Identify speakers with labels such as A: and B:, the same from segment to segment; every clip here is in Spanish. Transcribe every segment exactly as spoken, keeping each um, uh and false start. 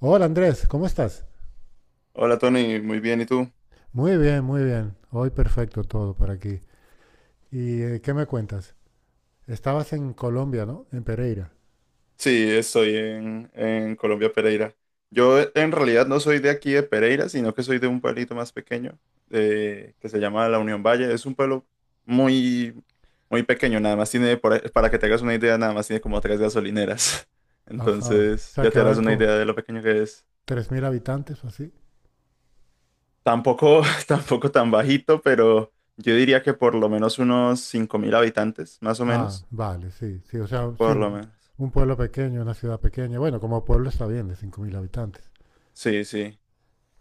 A: Hola Andrés, ¿cómo estás?
B: Hola Tony, muy bien, ¿y tú?
A: Muy bien, muy bien. Hoy perfecto todo por aquí. ¿Y eh, qué me cuentas? Estabas en Colombia, ¿no? En Pereira.
B: Sí, estoy en, en Colombia, Pereira. Yo eh, en realidad no soy de aquí de Pereira, sino que soy de un pueblito más pequeño, eh, que se llama La Unión Valle. Es un pueblo muy, muy pequeño, nada más tiene, por ahí- para que te hagas una idea, nada más tiene como tres gasolineras.
A: Ajá. O
B: Entonces
A: sea,
B: ya
A: que
B: te harás
A: habrán
B: una
A: como
B: idea de lo pequeño que es.
A: tres mil habitantes o así.
B: Tampoco, tampoco tan bajito, pero yo diría que por lo menos unos cinco mil habitantes, más o
A: Ah,
B: menos.
A: vale, sí, sí. O sea, sí,
B: Por lo
A: un,
B: menos.
A: un pueblo pequeño, una ciudad pequeña. Bueno, como pueblo está bien, de cinco mil habitantes.
B: Sí, sí.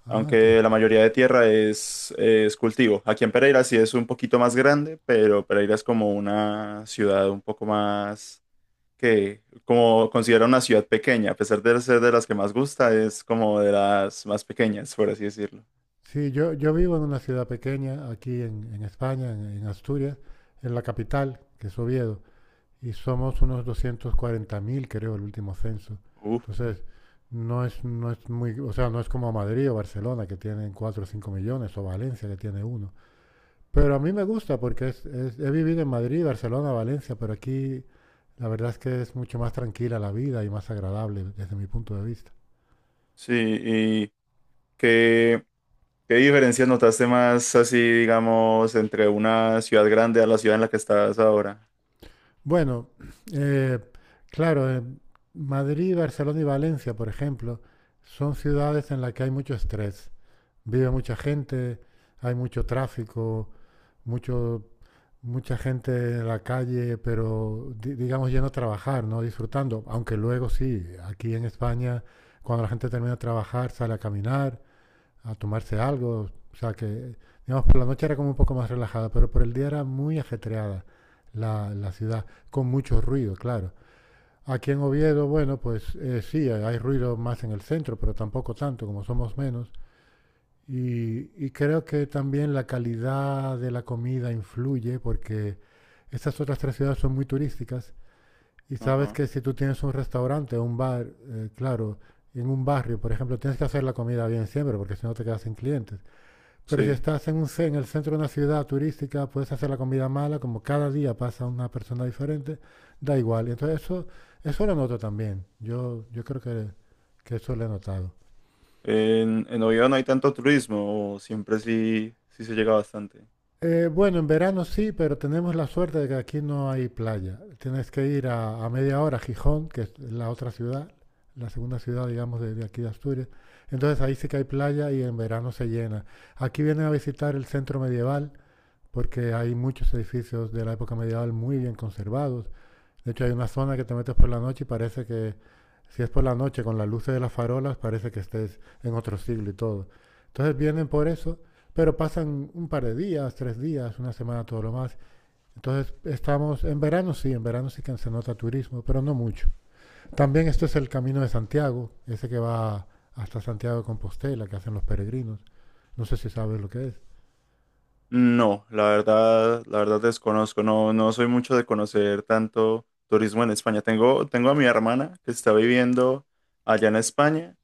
A: Ah, ok.
B: Aunque la mayoría de tierra es, es cultivo. Aquí en Pereira sí es un poquito más grande, pero Pereira es como una ciudad un poco más que, como considera una ciudad pequeña, a pesar de ser de las que más gusta, es como de las más pequeñas, por así decirlo.
A: Sí, yo, yo vivo en una ciudad pequeña aquí en, en España, en, en Asturias, en la capital, que es Oviedo. Y somos unos doscientos cuarenta mil creo, el último censo.
B: Uf,
A: Entonces, no es, no es muy, o sea, no es como Madrid o Barcelona que tienen cuatro o cinco millones o Valencia que tiene uno. Pero a mí me gusta porque es, es- he vivido en Madrid, Barcelona, Valencia, pero aquí la verdad es que es mucho más tranquila la vida y más agradable desde mi punto de vista.
B: sí, ¿y qué, qué diferencias notaste más así, digamos, entre una ciudad grande a la ciudad en la que estás ahora?
A: Bueno, eh, claro, eh, Madrid, Barcelona y Valencia, por ejemplo, son ciudades en las que hay mucho estrés. Vive mucha gente, hay mucho tráfico, mucho, mucha gente en la calle, pero di- digamos yendo a trabajar, no disfrutando. Aunque luego sí, aquí en España, cuando la gente termina de trabajar, sale a caminar, a tomarse algo. O sea que, digamos, por la noche era como un poco más relajada, pero por el día era muy ajetreada la, la ciudad, con mucho ruido, claro. Aquí en Oviedo, bueno, pues eh, sí, hay ruido más en el centro, pero tampoco tanto, como somos menos. Y, y creo que también la calidad de la comida influye porque estas otras tres ciudades son muy turísticas y sabes
B: Ajá,
A: que si tú tienes un restaurante o un bar, eh, claro, en un barrio, por ejemplo, tienes que hacer la comida bien siempre porque si no te quedas sin clientes. Pero si
B: sí.
A: estás en, un, en el centro de una ciudad turística, puedes hacer la comida mala, como cada día pasa una persona diferente, da igual. Y entonces eso, eso lo noto también. Yo, yo creo que, que eso lo he notado.
B: En, en Oviedo no hay tanto turismo, o siempre sí, sí se llega bastante.
A: Eh, bueno, en verano sí, pero tenemos la suerte de que aquí no hay playa. Tienes que ir a, a media hora a Gijón, que es la otra ciudad, la segunda ciudad, digamos, de, de aquí de Asturias. Entonces ahí sí que hay playa y en verano se llena. Aquí vienen a visitar el centro medieval porque hay muchos edificios de la época medieval muy bien conservados. De hecho, hay una zona que te metes por la noche y parece que, si es por la noche, con las luces de las farolas, parece que estés en otro siglo y todo. Entonces vienen por eso, pero pasan un par de días, tres días, una semana, todo lo más. Entonces estamos, en verano sí, en verano sí que se nota turismo, pero no mucho. También esto es el Camino de Santiago, ese que va hasta Santiago de Compostela, que hacen los peregrinos. No sé si sabes lo que es.
B: No, la verdad, la verdad desconozco, no, no soy mucho de conocer tanto turismo en España. Tengo, tengo a mi hermana que está viviendo allá en España,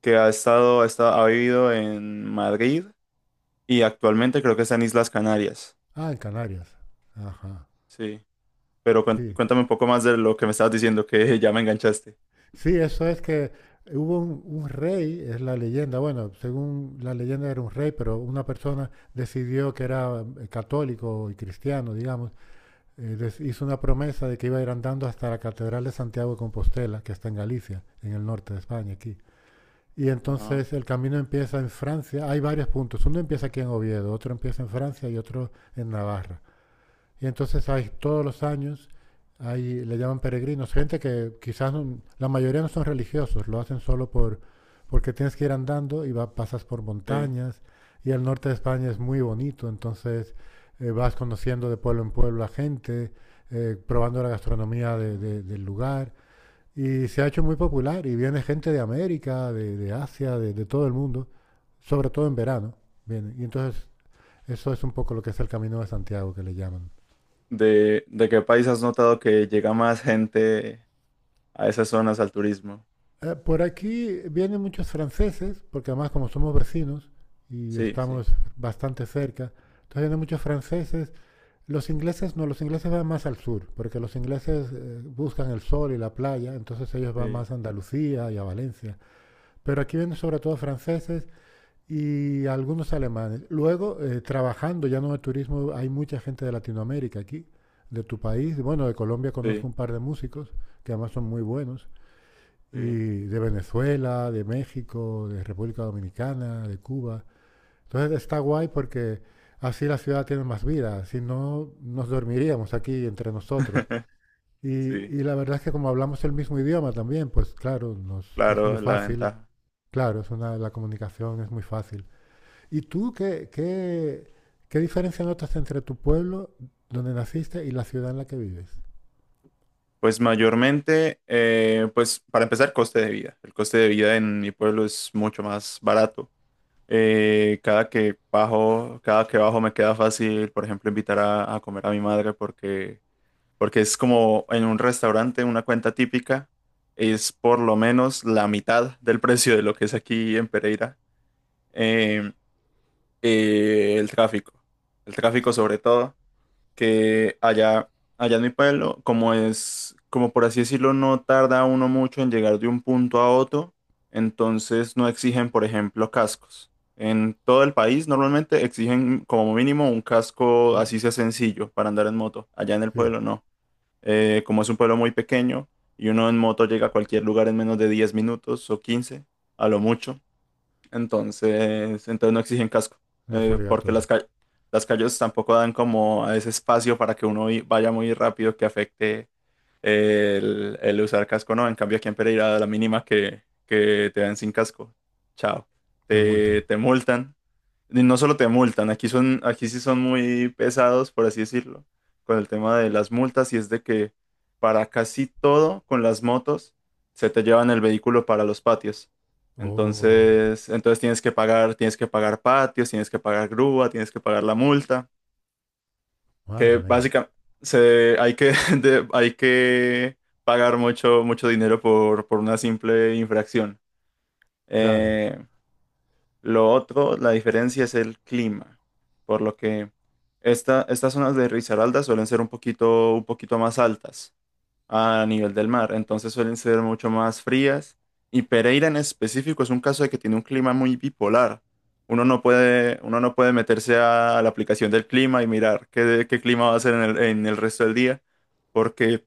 B: que ha estado, ha estado- ha vivido en Madrid y actualmente creo que está en Islas Canarias.
A: Ah, en Canarias. Ajá,
B: Sí, pero cuen-
A: sí.
B: cuéntame un poco más de lo que me estabas diciendo, que ya me enganchaste.
A: Sí, eso es que hubo un, un rey, es la leyenda, bueno, según la leyenda era un rey, pero una persona decidió que era eh, católico y cristiano, digamos, eh, des- hizo una promesa de que iba a ir andando hasta la Catedral de Santiago de Compostela, que está en Galicia, en el norte de España, aquí. Y
B: Ajá,
A: entonces el camino empieza en Francia, hay varios puntos, uno empieza aquí en Oviedo, otro empieza en Francia y otro en Navarra. Y entonces hay todos los años, hay, le llaman peregrinos, gente que quizás no- la mayoría no son religiosos, lo hacen solo por, porque tienes que ir andando y va, pasas por
B: sí.
A: montañas. Y el norte de España es muy bonito, entonces eh, vas conociendo de pueblo en pueblo a gente, eh, probando la gastronomía
B: Ajá.
A: de- de- del lugar. Y se ha hecho muy popular y viene gente de América, de, de Asia, de, de todo el mundo, sobre todo en verano. Viene. Y entonces eso es un poco lo que es el Camino de Santiago que le llaman.
B: ¿De, de qué país has notado que llega más gente a esas zonas al turismo?
A: Eh, por aquí vienen muchos franceses, porque además como somos vecinos y
B: Sí, sí,
A: estamos bastante cerca, entonces vienen muchos franceses. Los ingleses no, los ingleses van más al sur, porque los ingleses eh, buscan el sol y la playa, entonces ellos van
B: sí,
A: más a Andalucía y a Valencia. Pero aquí vienen sobre todo franceses y algunos alemanes. Luego, eh, trabajando ya no de turismo, hay mucha gente de Latinoamérica aquí, de tu país. Bueno, de Colombia conozco
B: sí,
A: un par de músicos que además son muy buenos
B: sí.
A: y de Venezuela, de México, de República Dominicana, de Cuba. Entonces está guay porque así la ciudad tiene más vida, si no nos dormiríamos aquí entre nosotros. Y,
B: Sí,
A: y la verdad es que como hablamos el mismo idioma también, pues claro, nos, es muy
B: claro, la
A: fácil,
B: ventaja.
A: claro, es una, la comunicación es muy fácil. ¿Y tú qué, qué, qué diferencia notas entre tu pueblo donde naciste y la ciudad en la que vives?
B: Pues mayormente, eh, pues para empezar, coste de vida. El coste de vida en mi pueblo es mucho más barato. Eh, cada que bajo, cada que bajo me queda fácil, por ejemplo, invitar a, a comer a mi madre porque, porque es como en un restaurante, una cuenta típica, es por lo menos la mitad del precio de lo que es aquí en Pereira. Eh, eh, el tráfico, el tráfico sobre todo. Que allá, allá en mi pueblo, como es, como por así decirlo, no tarda uno mucho en llegar de un punto a otro, entonces no exigen, por ejemplo, cascos. En todo el país normalmente exigen como mínimo un casco
A: Mm,
B: así sea sencillo para andar en moto. Allá en el
A: sí,
B: pueblo no. Eh, como es un pueblo muy pequeño y uno en moto llega a cualquier lugar en menos de diez minutos o quince a lo mucho. Entonces, entonces no exigen casco,
A: no es
B: eh, porque
A: obligatorio,
B: las, ca- las calles tampoco dan como a ese espacio para que uno i- vaya muy rápido que afecte el, el usar casco, ¿no? En cambio, aquí en Pereira, a la mínima que, que te dan sin casco, chao,
A: te
B: te,
A: multan.
B: te multan. Y no solo te multan, aquí son, aquí sí son muy pesados, por así decirlo, con el tema de las multas, y es de que para casi todo con las motos se te llevan el vehículo para los patios.
A: Oh,
B: Entonces, entonces tienes que pagar, tienes que pagar, patios, tienes que pagar grúa, tienes que pagar la multa, que
A: madre mía.
B: básicamente se, hay que, de- hay que pagar mucho, mucho dinero por, por una simple infracción.
A: Claro,
B: Eh, lo otro, la diferencia es el clima, por lo que esta, estas zonas de Risaralda suelen ser un poquito, un poquito más altas a nivel del mar, entonces suelen ser mucho más frías. Y Pereira en específico es un caso de que tiene un clima muy bipolar. Uno no puede, uno no puede meterse a la aplicación del clima y mirar qué, qué clima va a ser en el, en el resto del día, porque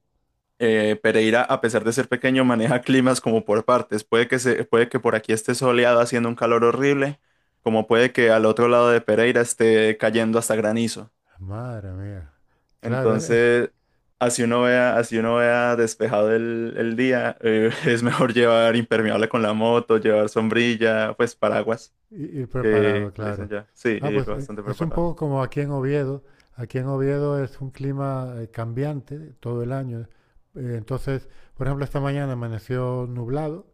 B: eh, Pereira, a pesar de ser pequeño, maneja climas como por partes. Puede que se, puede que por aquí esté soleado haciendo un calor horrible, como puede que al otro lado de Pereira esté cayendo hasta granizo.
A: madre mía. Claro, es es
B: Entonces, así uno vea, así uno vea despejado el, el día, eh, es mejor llevar impermeable con la moto, llevar sombrilla, pues paraguas,
A: i- ir preparado,
B: que le dicen
A: claro.
B: ya. Sí,
A: Ah,
B: ir
A: pues eh,
B: bastante
A: es un
B: preparado.
A: poco como aquí en Oviedo. Aquí en Oviedo es un clima eh, cambiante todo el año. Eh, entonces, por ejemplo, esta mañana amaneció nublado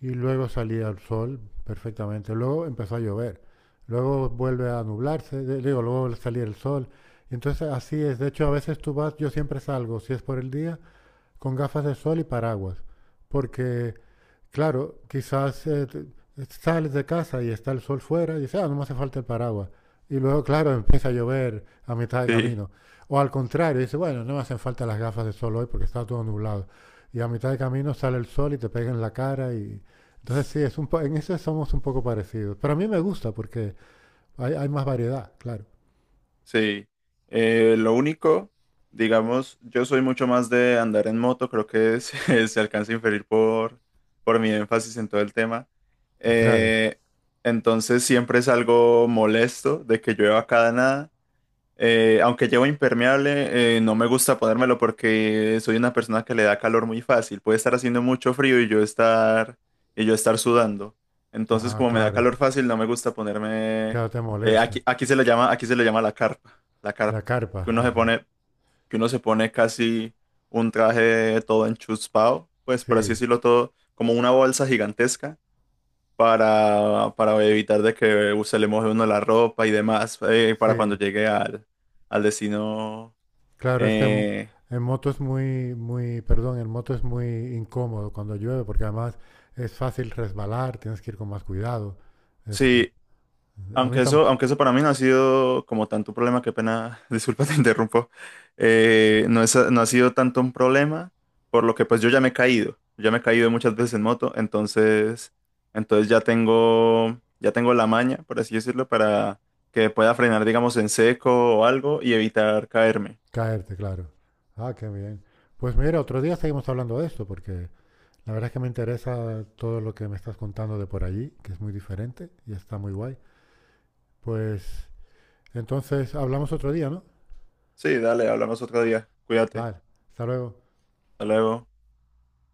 A: y luego salía el sol perfectamente. Luego empezó a llover. Luego vuelve a nublarse, de- digo, luego vuelve a salir el sol. Y entonces así es. De hecho, a veces tú vas, yo siempre salgo, si es por el día, con gafas de sol y paraguas, porque, claro, quizás eh, sales de casa y está el sol fuera y dices, ah, no me hace falta el paraguas. Y luego, claro, empieza a llover a mitad de
B: Sí,
A: camino. O al contrario, dices, bueno, no me hacen falta las gafas de sol hoy porque está todo nublado. Y a mitad de camino sale el sol y te pega en la cara y... Entonces sí, es un po- en eso somos un poco parecidos. Pero a mí me gusta porque hay, hay más variedad, claro.
B: sí. Eh, lo único, digamos, yo soy mucho más de andar en moto, creo que se, se alcanza a inferir por, por mi énfasis en todo el tema.
A: Y claro.
B: Eh, entonces siempre salgo molesto de que llueva cada nada. Eh, aunque llevo impermeable, eh, no me gusta ponérmelo porque soy una persona que le da calor muy fácil. Puede estar haciendo mucho frío y yo estar, y yo estar sudando. Entonces,
A: Ah,
B: como me da
A: claro.
B: calor fácil, no me gusta ponerme.
A: Claro, te
B: eh,
A: molesta.
B: aquí, aquí se le llama, aquí se le llama la carpa, la carpa,
A: La carpa,
B: que uno se
A: ajá.
B: pone, que uno se pone casi un traje todo enchuspado, pues por así
A: Sí,
B: decirlo todo, como una bolsa gigantesca para, para evitar de que se le moje uno la ropa y demás, eh, para cuando
A: sí.
B: llegue al, al destino.
A: Claro, es que en,
B: Eh,
A: en moto es muy, muy, perdón, en moto es muy incómodo cuando llueve, porque además es fácil resbalar, tienes que ir con más cuidado. Es-
B: sí,
A: a mí
B: aunque
A: también,
B: eso, aunque eso para mí no ha sido como tanto un problema, qué pena, disculpa, te interrumpo. Eh, no es, no ha sido tanto un problema, por lo que pues yo ya me he caído, ya me he caído muchas veces en moto, entonces, entonces ya tengo, ya tengo la maña, por así decirlo, para que pueda frenar, digamos, en seco o algo y evitar caerme.
A: caerte, claro. Ah, qué bien. Pues mira, otro día seguimos hablando de esto, porque la verdad es que me interesa todo lo que me estás contando de por allí, que es muy diferente y está muy guay. Pues entonces hablamos otro día, ¿no?
B: Sí, dale, hablamos otro día. Cuídate.
A: Vale, hasta luego.
B: Hasta luego.